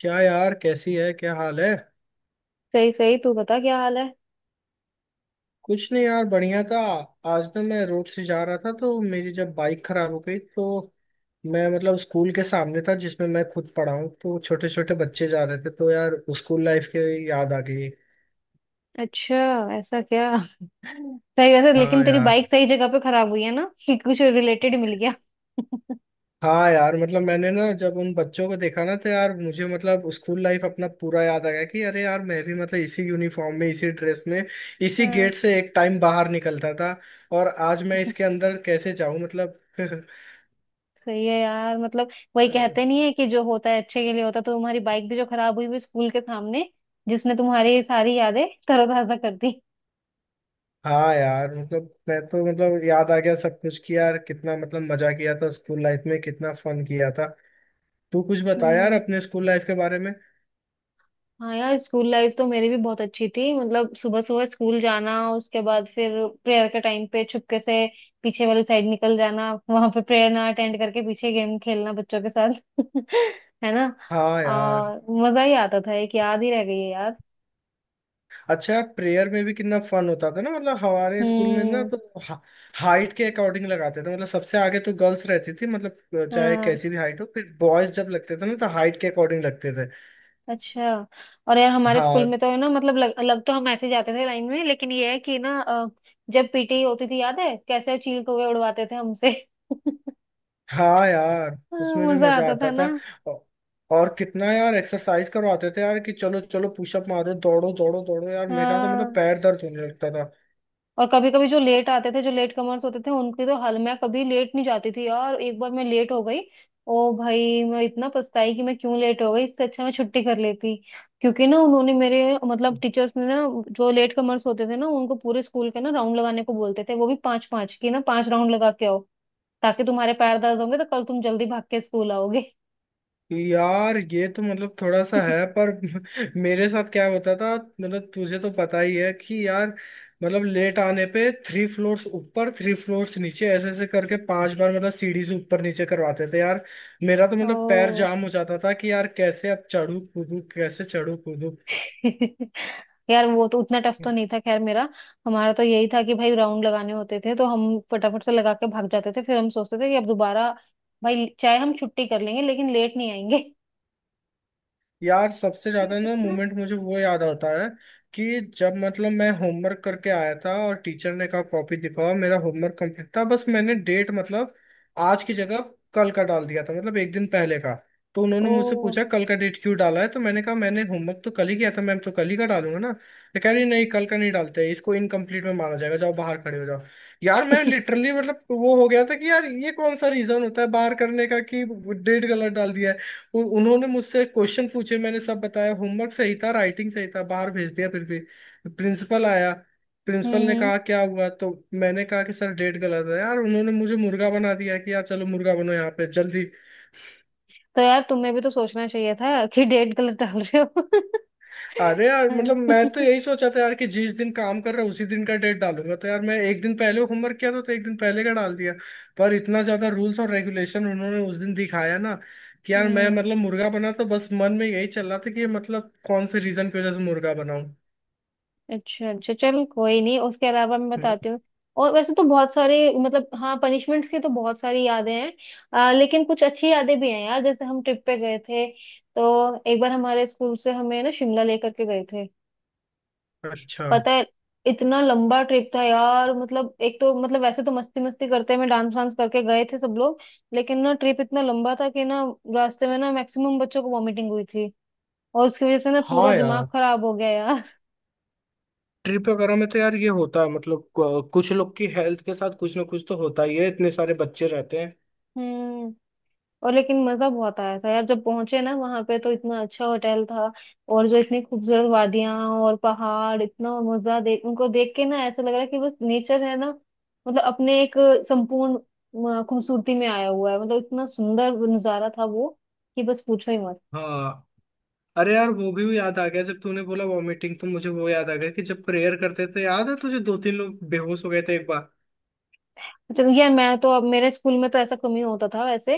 क्या यार, कैसी है? क्या हाल है? सही सही तू बता क्या हाल है। कुछ नहीं यार बढ़िया था। आज ना मैं रोड से जा रहा था तो मेरी जब बाइक खराब हो गई तो मैं मतलब स्कूल के सामने था जिसमें मैं खुद पढ़ा हूँ, तो छोटे छोटे बच्चे जा रहे थे तो यार स्कूल लाइफ की याद आ गई। अच्छा। ऐसा क्या? सही वैसे, हाँ लेकिन तेरी यार। बाइक सही जगह पे खराब हुई है ना कि कुछ रिलेटेड मिल गया। हाँ यार मतलब मैंने ना जब उन बच्चों को देखा ना तो यार मुझे मतलब स्कूल लाइफ अपना पूरा याद आ गया कि अरे यार मैं भी मतलब इसी यूनिफॉर्म में इसी ड्रेस में इसी हाँ। गेट से एक टाइम बाहर निकलता था। और आज मैं इसके अंदर कैसे जाऊं मतलब। सही है यार, मतलब वही अ, कहते नहीं है कि जो होता है अच्छे के लिए होता है। तो तुम्हारी बाइक भी जो खराब हुई वो स्कूल के सामने जिसने तुम्हारी सारी यादें तरोताजा कर दी। हाँ यार मतलब मैं तो मतलब याद आ गया सब कुछ कि यार कितना मतलब मजा किया था स्कूल लाइफ में कितना फन किया था। तू कुछ बता यार हम्म। अपने स्कूल लाइफ के बारे में। हाँ यार, स्कूल लाइफ तो मेरी भी बहुत अच्छी थी। मतलब सुबह सुबह स्कूल जाना, उसके बाद फिर प्रेयर के टाइम पे छुपके से पीछे वाली साइड निकल जाना, वहां पे प्रेयर ना अटेंड करके पीछे गेम खेलना बच्चों के साथ। है ना? हाँ यार। और मजा ही आता था, एक याद ही रह गई है यार। अच्छा, प्रेयर में भी कितना फन होता था ना, मतलब हमारे स्कूल में ना हम्म। तो हा, हाइट के अकॉर्डिंग लगाते थे, मतलब सबसे आगे तो गर्ल्स रहती थी मतलब चाहे हाँ। कैसी भी हाइट हो, फिर बॉयज जब लगते थे ना तो हाइट के अकॉर्डिंग लगते थे। अच्छा। और यार हमारे स्कूल हाँ। में तो है ना, मतलब लग तो हम ऐसे ही जाते थे लाइन में, लेकिन ये है कि ना जब पीटी होती थी, याद है कैसे चील कौवे उड़वाते थे हमसे। हाँ यार हाँ, उसमें भी मजा मजा आता था आता था। ना। औ- और कितना यार एक्सरसाइज करवाते थे यार कि चलो चलो पुशअप मारो दौड़ो दौड़ो दौड़ो, यार मेरा तो मतलब हाँ। पैर दर्द होने लगता था। और कभी कभी जो लेट आते थे, जो लेट कमर्स होते थे उनकी तो हल। मैं कभी लेट नहीं जाती थी यार। एक बार मैं लेट हो गई। ओ भाई, मैं इतना पछताई कि मैं क्यों लेट हो गई, इससे अच्छा मैं छुट्टी कर लेती। क्योंकि ना उन्होंने मेरे मतलब टीचर्स ने ना जो लेट कमर्स होते थे ना उनको पूरे स्कूल के ना राउंड लगाने को बोलते थे। वो भी पांच पांच की ना, पांच राउंड लगा के आओ, ताकि तुम्हारे पैर दर्द होंगे तो कल तुम जल्दी भाग के स्कूल आओगे। यार ये तो मतलब थोड़ा सा है पर मेरे साथ क्या होता था मतलब तुझे तो पता ही है कि यार मतलब लेट आने पे 3 फ्लोर्स ऊपर 3 फ्लोर्स नीचे ऐसे ऐसे करके 5 बार मतलब सीढ़ी से ऊपर नीचे करवाते थे यार। मेरा तो मतलब पैर ओ। जाम हो जाता था कि यार कैसे अब चढ़ू कूदू कैसे चढ़ू कूदू। यार वो तो उतना टफ तो नहीं था खैर मेरा। हमारा तो यही था कि भाई राउंड लगाने होते थे तो हम फटाफट से लगा के भाग जाते थे, फिर हम सोचते थे कि अब दोबारा भाई चाहे हम छुट्टी कर लेंगे लेकिन लेट नहीं आएंगे। यार सबसे ज्यादा ना मोमेंट मुझे वो याद आता है कि जब मतलब मैं होमवर्क करके आया था और टीचर ने कहा कॉपी दिखाओ, मेरा होमवर्क कंप्लीट था, बस मैंने डेट मतलब आज की जगह कल का डाल दिया था, मतलब एक दिन पहले का। तो उन्होंने ओ। मुझसे पूछा कल का डेट क्यों डाला है, तो मैंने कहा मैंने होमवर्क तो कल ही किया था मैम तो कल ही का डालूंगा ना। तो कह रही नहीं कल का नहीं डालते, इसको इनकम्प्लीट में माना जाएगा, जाओ बाहर खड़े हो जाओ। यार मैं हम्म। लिटरली मतलब वो हो गया था कि यार ये कौन सा रीजन होता है बाहर करने का कि डेट गलत डाल दिया है। उन्होंने मुझसे क्वेश्चन पूछे, मैंने सब बताया, होमवर्क सही था राइटिंग सही था, बाहर भेज दिया फिर भी। प्रिंसिपल आया, प्रिंसिपल ने हम्म। कहा क्या हुआ, तो मैंने कहा कि सर डेट गलत है, यार उन्होंने मुझे मुर्गा बना दिया कि यार चलो मुर्गा बनो यहाँ पे जल्दी। तो यार तुम्हें भी तो सोचना चाहिए था कि डेट गलत डाल रहे हो। अरे यार हाँ। मतलब मैं तो यही सोचा था यार कि जिस दिन काम कर रहा उसी दिन का डेट डालूंगा, तो यार मैं एक दिन पहले होमवर्क किया था तो एक दिन पहले का डाल दिया। पर इतना ज्यादा रूल्स और रेगुलेशन उन्होंने उस दिन दिखाया ना कि यार मैं हम्म। मतलब मुर्गा बना तो बस मन में यही चल रहा था कि ये मतलब कौन से रीजन की वजह से मुर्गा बनाऊं। अच्छा अच्छा, चल कोई नहीं, उसके अलावा मैं बताती हूँ। और वैसे तो बहुत सारे, मतलब हाँ, पनिशमेंट्स की तो बहुत सारी यादें हैं। लेकिन कुछ अच्छी यादें भी हैं यार, जैसे हम ट्रिप पे गए थे। तो एक बार हमारे स्कूल से हमें ना शिमला लेकर के गए थे। अच्छा। पता है, इतना लंबा ट्रिप था यार, मतलब एक तो मतलब वैसे तो मस्ती मस्ती करते में, डांस वांस करके गए थे सब लोग। लेकिन ना ट्रिप इतना लंबा था कि ना रास्ते में ना मैक्सिमम बच्चों को वॉमिटिंग हुई थी, और उसकी वजह से ना पूरा हाँ दिमाग यार खराब हो गया यार। ट्रिप वगैरह में तो यार ये होता है मतलब कुछ लोग की हेल्थ के साथ कुछ ना कुछ तो होता ही है, इतने सारे बच्चे रहते हैं। हम्म। और लेकिन मजा बहुत आया था यार जब पहुंचे ना वहां पे, तो इतना अच्छा होटल था, और जो इतनी खूबसूरत वादियां और पहाड़, इतना मजा, देख उनको देख के ना ऐसा लग रहा है कि बस नेचर है ना, मतलब अपने एक संपूर्ण खूबसूरती में आया हुआ है। मतलब इतना सुंदर नजारा था वो कि बस पूछो ही मत। हाँ। अरे यार वो भी याद आ गया जब तूने बोला वॉमिटिंग तो मुझे वो याद आ गया कि जब प्रेयर करते थे याद है तुझे दो तीन लोग बेहोश हो गए थे एक बार। चलो ये मैं तो, अब मेरे स्कूल में तो ऐसा कमी होता था वैसे।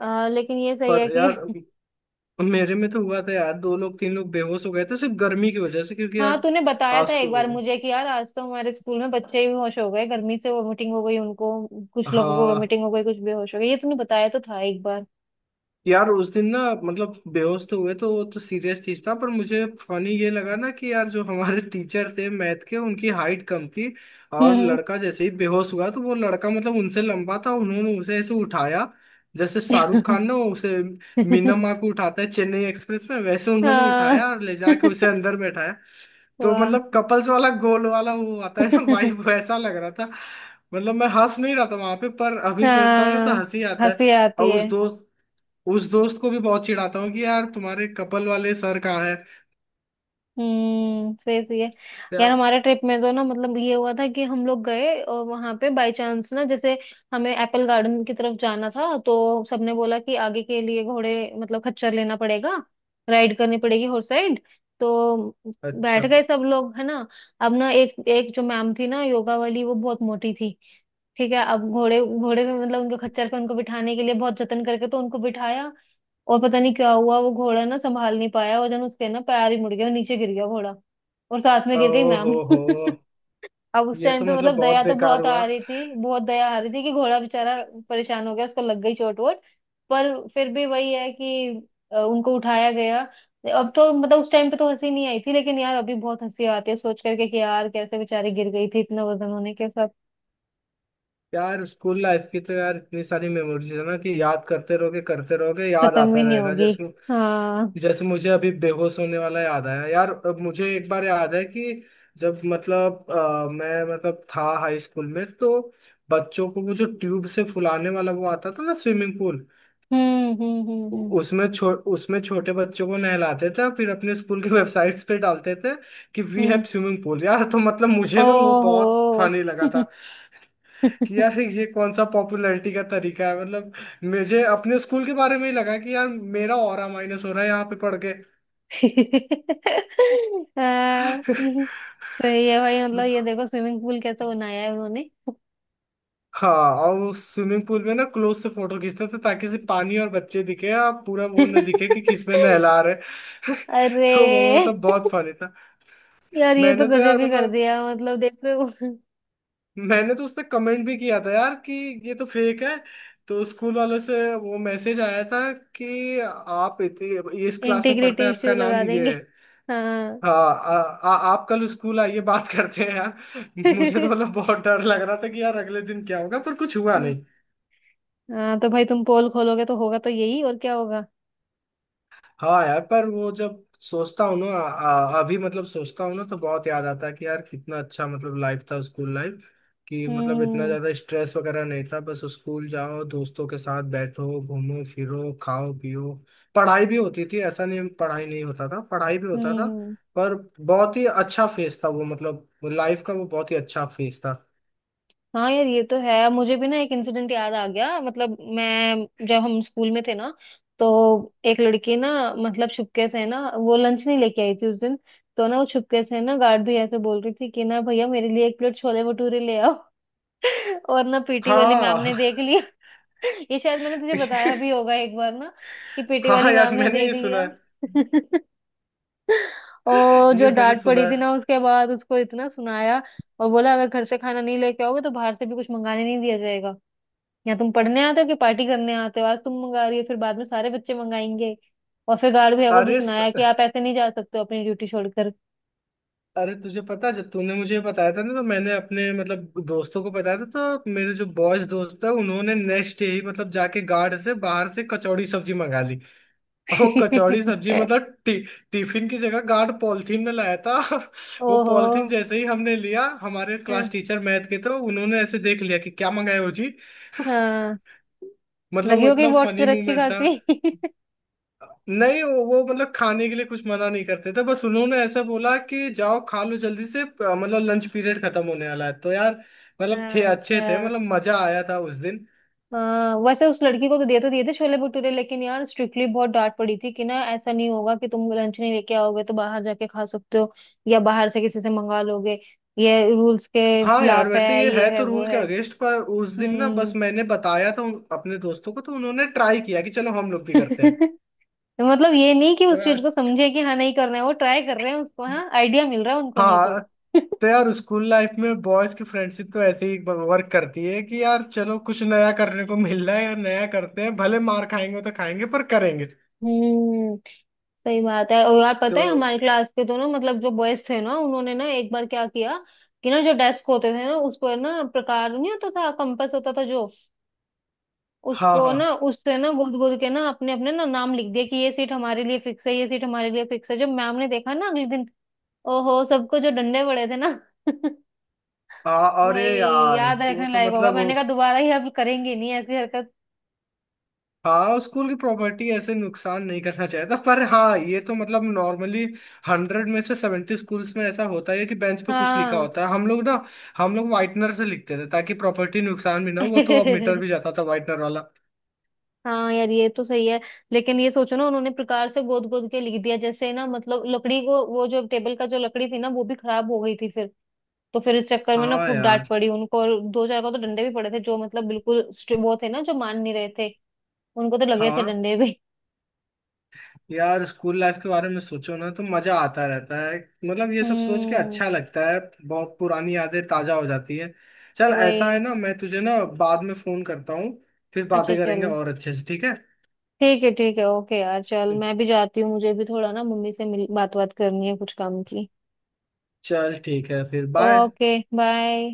लेकिन ये सही है पर यार कि मेरे में तो हुआ था यार दो लोग तीन लोग बेहोश हो गए थे सिर्फ गर्मी की वजह से क्योंकि हाँ, यार तूने बताया था एक बार आंसू। मुझे कि यार आज तो हमारे स्कूल में बच्चे ही बेहोश हो गए गर्मी से, वोमिटिंग हो गई उनको, कुछ लोगों को हाँ वोमिटिंग हो गई कुछ बेहोश हो गए। ये तूने बताया तो था एक बार। यार उस दिन ना मतलब बेहोश तो हुए तो वो तो सीरियस चीज था, पर मुझे फनी ये लगा ना कि यार जो हमारे टीचर थे मैथ के उनकी हाइट कम थी। और हम्म। लड़का जैसे ही बेहोश हुआ तो वो लड़का मतलब उनसे लंबा था, उन्होंने उसे ऐसे उठाया जैसे शाहरुख खान ना उसे मीना माँ को उठाता है चेन्नई एक्सप्रेस में, वैसे उन्होंने हाँ। उठाया और ले जाके उसे अंदर बैठाया। तो वाह। मतलब कपल्स वाला गोल वाला वो आता है ना वाइब, वैसा लग रहा था। मतलब मैं हंस नहीं रहा था वहां पे, पर अभी सोचता हूँ ना तो हाँ, हंसी आता है। हंसी आती और है। उस दोस्त को भी बहुत चिढ़ाता हूँ कि यार तुम्हारे कपल वाले सर कहाँ है। हम्म। सही सही है। यार या हमारे ट्रिप में तो ना, मतलब ये हुआ था कि हम लोग गए और वहां पे बाय चांस ना, जैसे हमें एप्पल गार्डन की तरफ जाना था तो सबने बोला कि आगे के लिए घोड़े, मतलब खच्चर लेना पड़ेगा, राइड करनी पड़ेगी, हॉर्स राइड। तो अच्छा, बैठ गए सब लोग है ना। अब ना, एक एक जो मैम थी ना योगा वाली, वो बहुत मोटी थी। ठीक है। अब घोड़े घोड़े पे, मतलब उनके खच्चर पे उनको बिठाने के लिए बहुत जतन करके तो उनको बिठाया, और पता नहीं क्या हुआ, वो घोड़ा ना संभाल नहीं पाया वजन, उसके ना पैर ही मुड़ गया और नीचे गिर गया घोड़ा, और साथ में गिर गई मैम। ओहो हो, अब उस ये टाइम तो पे मतलब मतलब दया बहुत तो बेकार बहुत हुआ। आ रही थी, बहुत दया आ रही थी कि घोड़ा बेचारा परेशान हो गया, उसको लग गई चोट वोट। पर फिर भी वही है कि उनको उठाया गया। अब तो मतलब उस टाइम पे तो हंसी नहीं आई थी, लेकिन यार अभी बहुत हंसी आती है सोच करके कि यार कैसे बेचारी गिर गई थी इतना वजन होने के साथ। यार स्कूल लाइफ की तो यार इतनी सारी मेमोरीज है ना कि याद करते रहोगे याद खत्म भी आता नहीं रहेगा होगी। जैसे। हाँ। जैसे मुझे अभी बेहोश होने वाला याद आया यार, अब मुझे एक बार याद है कि जब मतलब मैं मतलब था हाई स्कूल में तो बच्चों को वो जो ट्यूब से फुलाने वाला वो आता था ना स्विमिंग पूल, हम्म। उसमें छोटे बच्चों को नहलाते थे फिर अपने स्कूल की वेबसाइट्स पे डालते थे कि we hmm. Have swimming pool. यार तो मतलब मुझे ना वो ओहो। बहुत फनी लगा था कि यार ये कौन सा पॉपुलैरिटी का तरीका है, मतलब मुझे अपने स्कूल के बारे में ही लगा कि यार मेरा ऑरा माइनस हो रहा है यहाँ पे पढ़ के। हाँ, तो ये भाई, मतलब ये देखो स्विमिंग पूल कैसा बनाया है उन्होंने। हाँ। और उस स्विमिंग पूल में ना क्लोज से फोटो खींचते थे ताकि सिर्फ पानी और बच्चे दिखे, आप पूरा वो न दिखे कि किस में नहला रहे। अरे तो वो मतलब बहुत फनी था। यार ये तो मैंने तो गजब यार ही कर मतलब दिया, मतलब देख रहे हो। मैंने तो उस पे कमेंट भी किया था यार कि ये तो फेक है। तो स्कूल वालों से वो मैसेज आया था कि आप इस क्लास में पढ़ते इंटीग्रिटी हैं, आपका इश्यू लगा नाम ये देंगे। है, हाँ। हाँ, आ, आ, आप कल स्कूल आइए बात करते हैं यार। मुझे तो मतलब बहुत डर लग रहा था कि यार अगले दिन क्या होगा, पर कुछ हुआ। हाँ तो भाई, तुम पोल खोलोगे तो होगा तो यही, और क्या होगा। हाँ यार पर वो जब सोचता हूँ ना अभी मतलब सोचता हूँ ना तो बहुत याद आता है कि यार कितना अच्छा मतलब लाइफ था स्कूल लाइफ, कि मतलब इतना हम्म। ज्यादा स्ट्रेस वगैरह नहीं था, बस स्कूल जाओ दोस्तों के साथ बैठो घूमो फिरो खाओ पियो। पढ़ाई भी होती थी, ऐसा नहीं पढ़ाई नहीं होता था, पढ़ाई भी होता था, हम्म। पर बहुत ही अच्छा फेज था वो, मतलब लाइफ का वो बहुत ही अच्छा फेज था। हाँ यार ये तो है। मुझे भी ना एक इंसिडेंट याद आ गया, मतलब मैं जब हम स्कूल में थे ना, तो एक लड़की ना, मतलब छुपके से ना वो लंच नहीं लेके आई थी उस दिन। तो ना वो छुपके से ना गार्ड भैया से बोल रही थी कि ना भैया मेरे लिए एक प्लेट छोले भटूरे ले आओ। और ना पीटी वाली मैम हाँ। ने देख लिया। ये शायद मैंने तुझे बताया भी होगा एक बार ना कि पीटी वाली हाँ यार मैम ने मैंने देख ये सुना है। लिया। और जो ये मैंने डांट सुना पड़ी थी है। ना उसके बाद, उसको इतना सुनाया, और बोला अगर घर से खाना नहीं लेके आओगे तो बाहर से भी कुछ मंगाने नहीं दिया जाएगा, या तुम पढ़ने आते हो कि पार्टी करने आते हो, आज तुम मंगा रही हो फिर बाद में सारे बच्चे मंगाएंगे। और फिर गार्ड भैया को भी अरे। सुनाया कि आप ऐसे नहीं जा सकते हो अपनी ड्यूटी छोड़कर। अरे तुझे पता जब तूने मुझे बताया था ना तो मैंने अपने मतलब दोस्तों को बताया था। तो मेरे जो बॉयज दोस्त था उन्होंने नेक्स्ट डे ही मतलब जाके गार्ड से बाहर से कचौड़ी सब्जी मंगा ली। और वो कचौड़ी सब्जी मतलब टिफिन की जगह गार्ड पॉलिथीन में लाया था। वो ओहो। पॉलिथीन जैसे ही हमने लिया हमारे हाँ। क्लास टीचर मैथ के तो उन्होंने ऐसे देख लिया कि क्या मंगाया हो जी। हाँ, मतलब लगी वो होगी इतना वोट फनी फिर अच्छी मूवमेंट था। खासी। नहीं वो मतलब खाने के लिए कुछ मना नहीं करते थे, बस उन्होंने ऐसा बोला कि जाओ खा लो जल्दी से मतलब लंच पीरियड खत्म होने वाला है, तो यार मतलब थे अच्छे थे अच्छा। मतलब मजा आया था उस दिन। हाँ वैसे उस लड़की को तो दे तो दिए थे छोले भटूरे, लेकिन यार स्ट्रिक्टली बहुत डांट पड़ी थी कि ना ऐसा नहीं होगा कि तुम लंच नहीं लेके आओगे तो बाहर जाके खा सकते हो, या बाहर से किसी से मंगा लोगे, ये रूल्स के हाँ यार खिलाफ वैसे है, ये ये है है तो वो रूल के है। अगेंस्ट, पर उस दिन ना बस हम्म। मैंने बताया था अपने दोस्तों को तो उन्होंने ट्राई किया कि चलो हम लोग भी करते हैं। मतलब ये नहीं कि तो उस चीज यार को समझे कि हाँ नहीं करना है, वो ट्राई कर रहे हैं उसको, हाँ आइडिया मिल रहा है उनको नहीं तो। हाँ। तो यार स्कूल लाइफ में बॉयज की फ्रेंडशिप तो ऐसे ही वर्क करती है कि यार चलो कुछ नया करने को मिल रहा है, यार नया करते हैं भले मार खाएंगे तो खाएंगे पर करेंगे। हम्म। सही बात है। और यार तो पता है हमारे क्लास के दोनों मतलब जो बॉयज थे ना उन्होंने ना एक बार क्या किया कि ना जो डेस्क होते थे ना उस पर ना, प्रकार नहीं होता था, कंपास होता था जो, हाँ। उसको हाँ ना, उससे ना गोद गोद के ना अपने अपने ना नाम लिख दिया कि ये सीट हमारे लिए फिक्स है, ये सीट हमारे लिए फिक्स है। जब मैम ने देखा ना अगले दिन, ओहो, सबको जो डंडे पड़े थे ना। अरे भाई, यार याद वो रखने तो लायक होगा। मैंने मतलब। कहा दोबारा ये अब करेंगे नहीं ऐसी हरकत। हाँ, स्कूल की प्रॉपर्टी ऐसे नुकसान नहीं करना चाहिए था, पर हाँ ये तो मतलब नॉर्मली 100 में से 70 स्कूल्स में ऐसा होता है कि बेंच पे कुछ लिखा हाँ। होता है, हम लोग वाइटनर से लिखते थे ताकि प्रॉपर्टी नुकसान भी ना हो, वो तो अब मीटर भी जाता था वाइटनर वाला। हाँ यार ये तो सही है। लेकिन ये सोचो ना उन्होंने प्रकार से गोद गोद के लिख दिया, जैसे ना मतलब लकड़ी को, वो जो टेबल का जो लकड़ी थी ना वो भी खराब हो गई थी फिर। तो फिर इस चक्कर में ना हाँ खूब डांट यार। पड़ी उनको, और दो चार को तो डंडे भी पड़े थे, जो मतलब बिल्कुल वो थे ना जो मान नहीं रहे थे, उनको तो लगे थे हाँ डंडे भी। यार स्कूल लाइफ के बारे में सोचो ना तो मजा आता रहता है, मतलब ये सब सोच के हम्म। अच्छा लगता है, बहुत पुरानी यादें ताजा हो जाती है। चल ऐसा वही। है ना, मैं तुझे ना बाद में फोन करता हूँ फिर अच्छा बातें करेंगे चल, और अच्छे से, ठीक है? ठीक है ठीक है, ओके यार चल, मैं भी जाती हूँ, मुझे भी थोड़ा ना मम्मी से मिल, बात बात करनी है कुछ काम की। चल ठीक है फिर बाय। Okay, bye.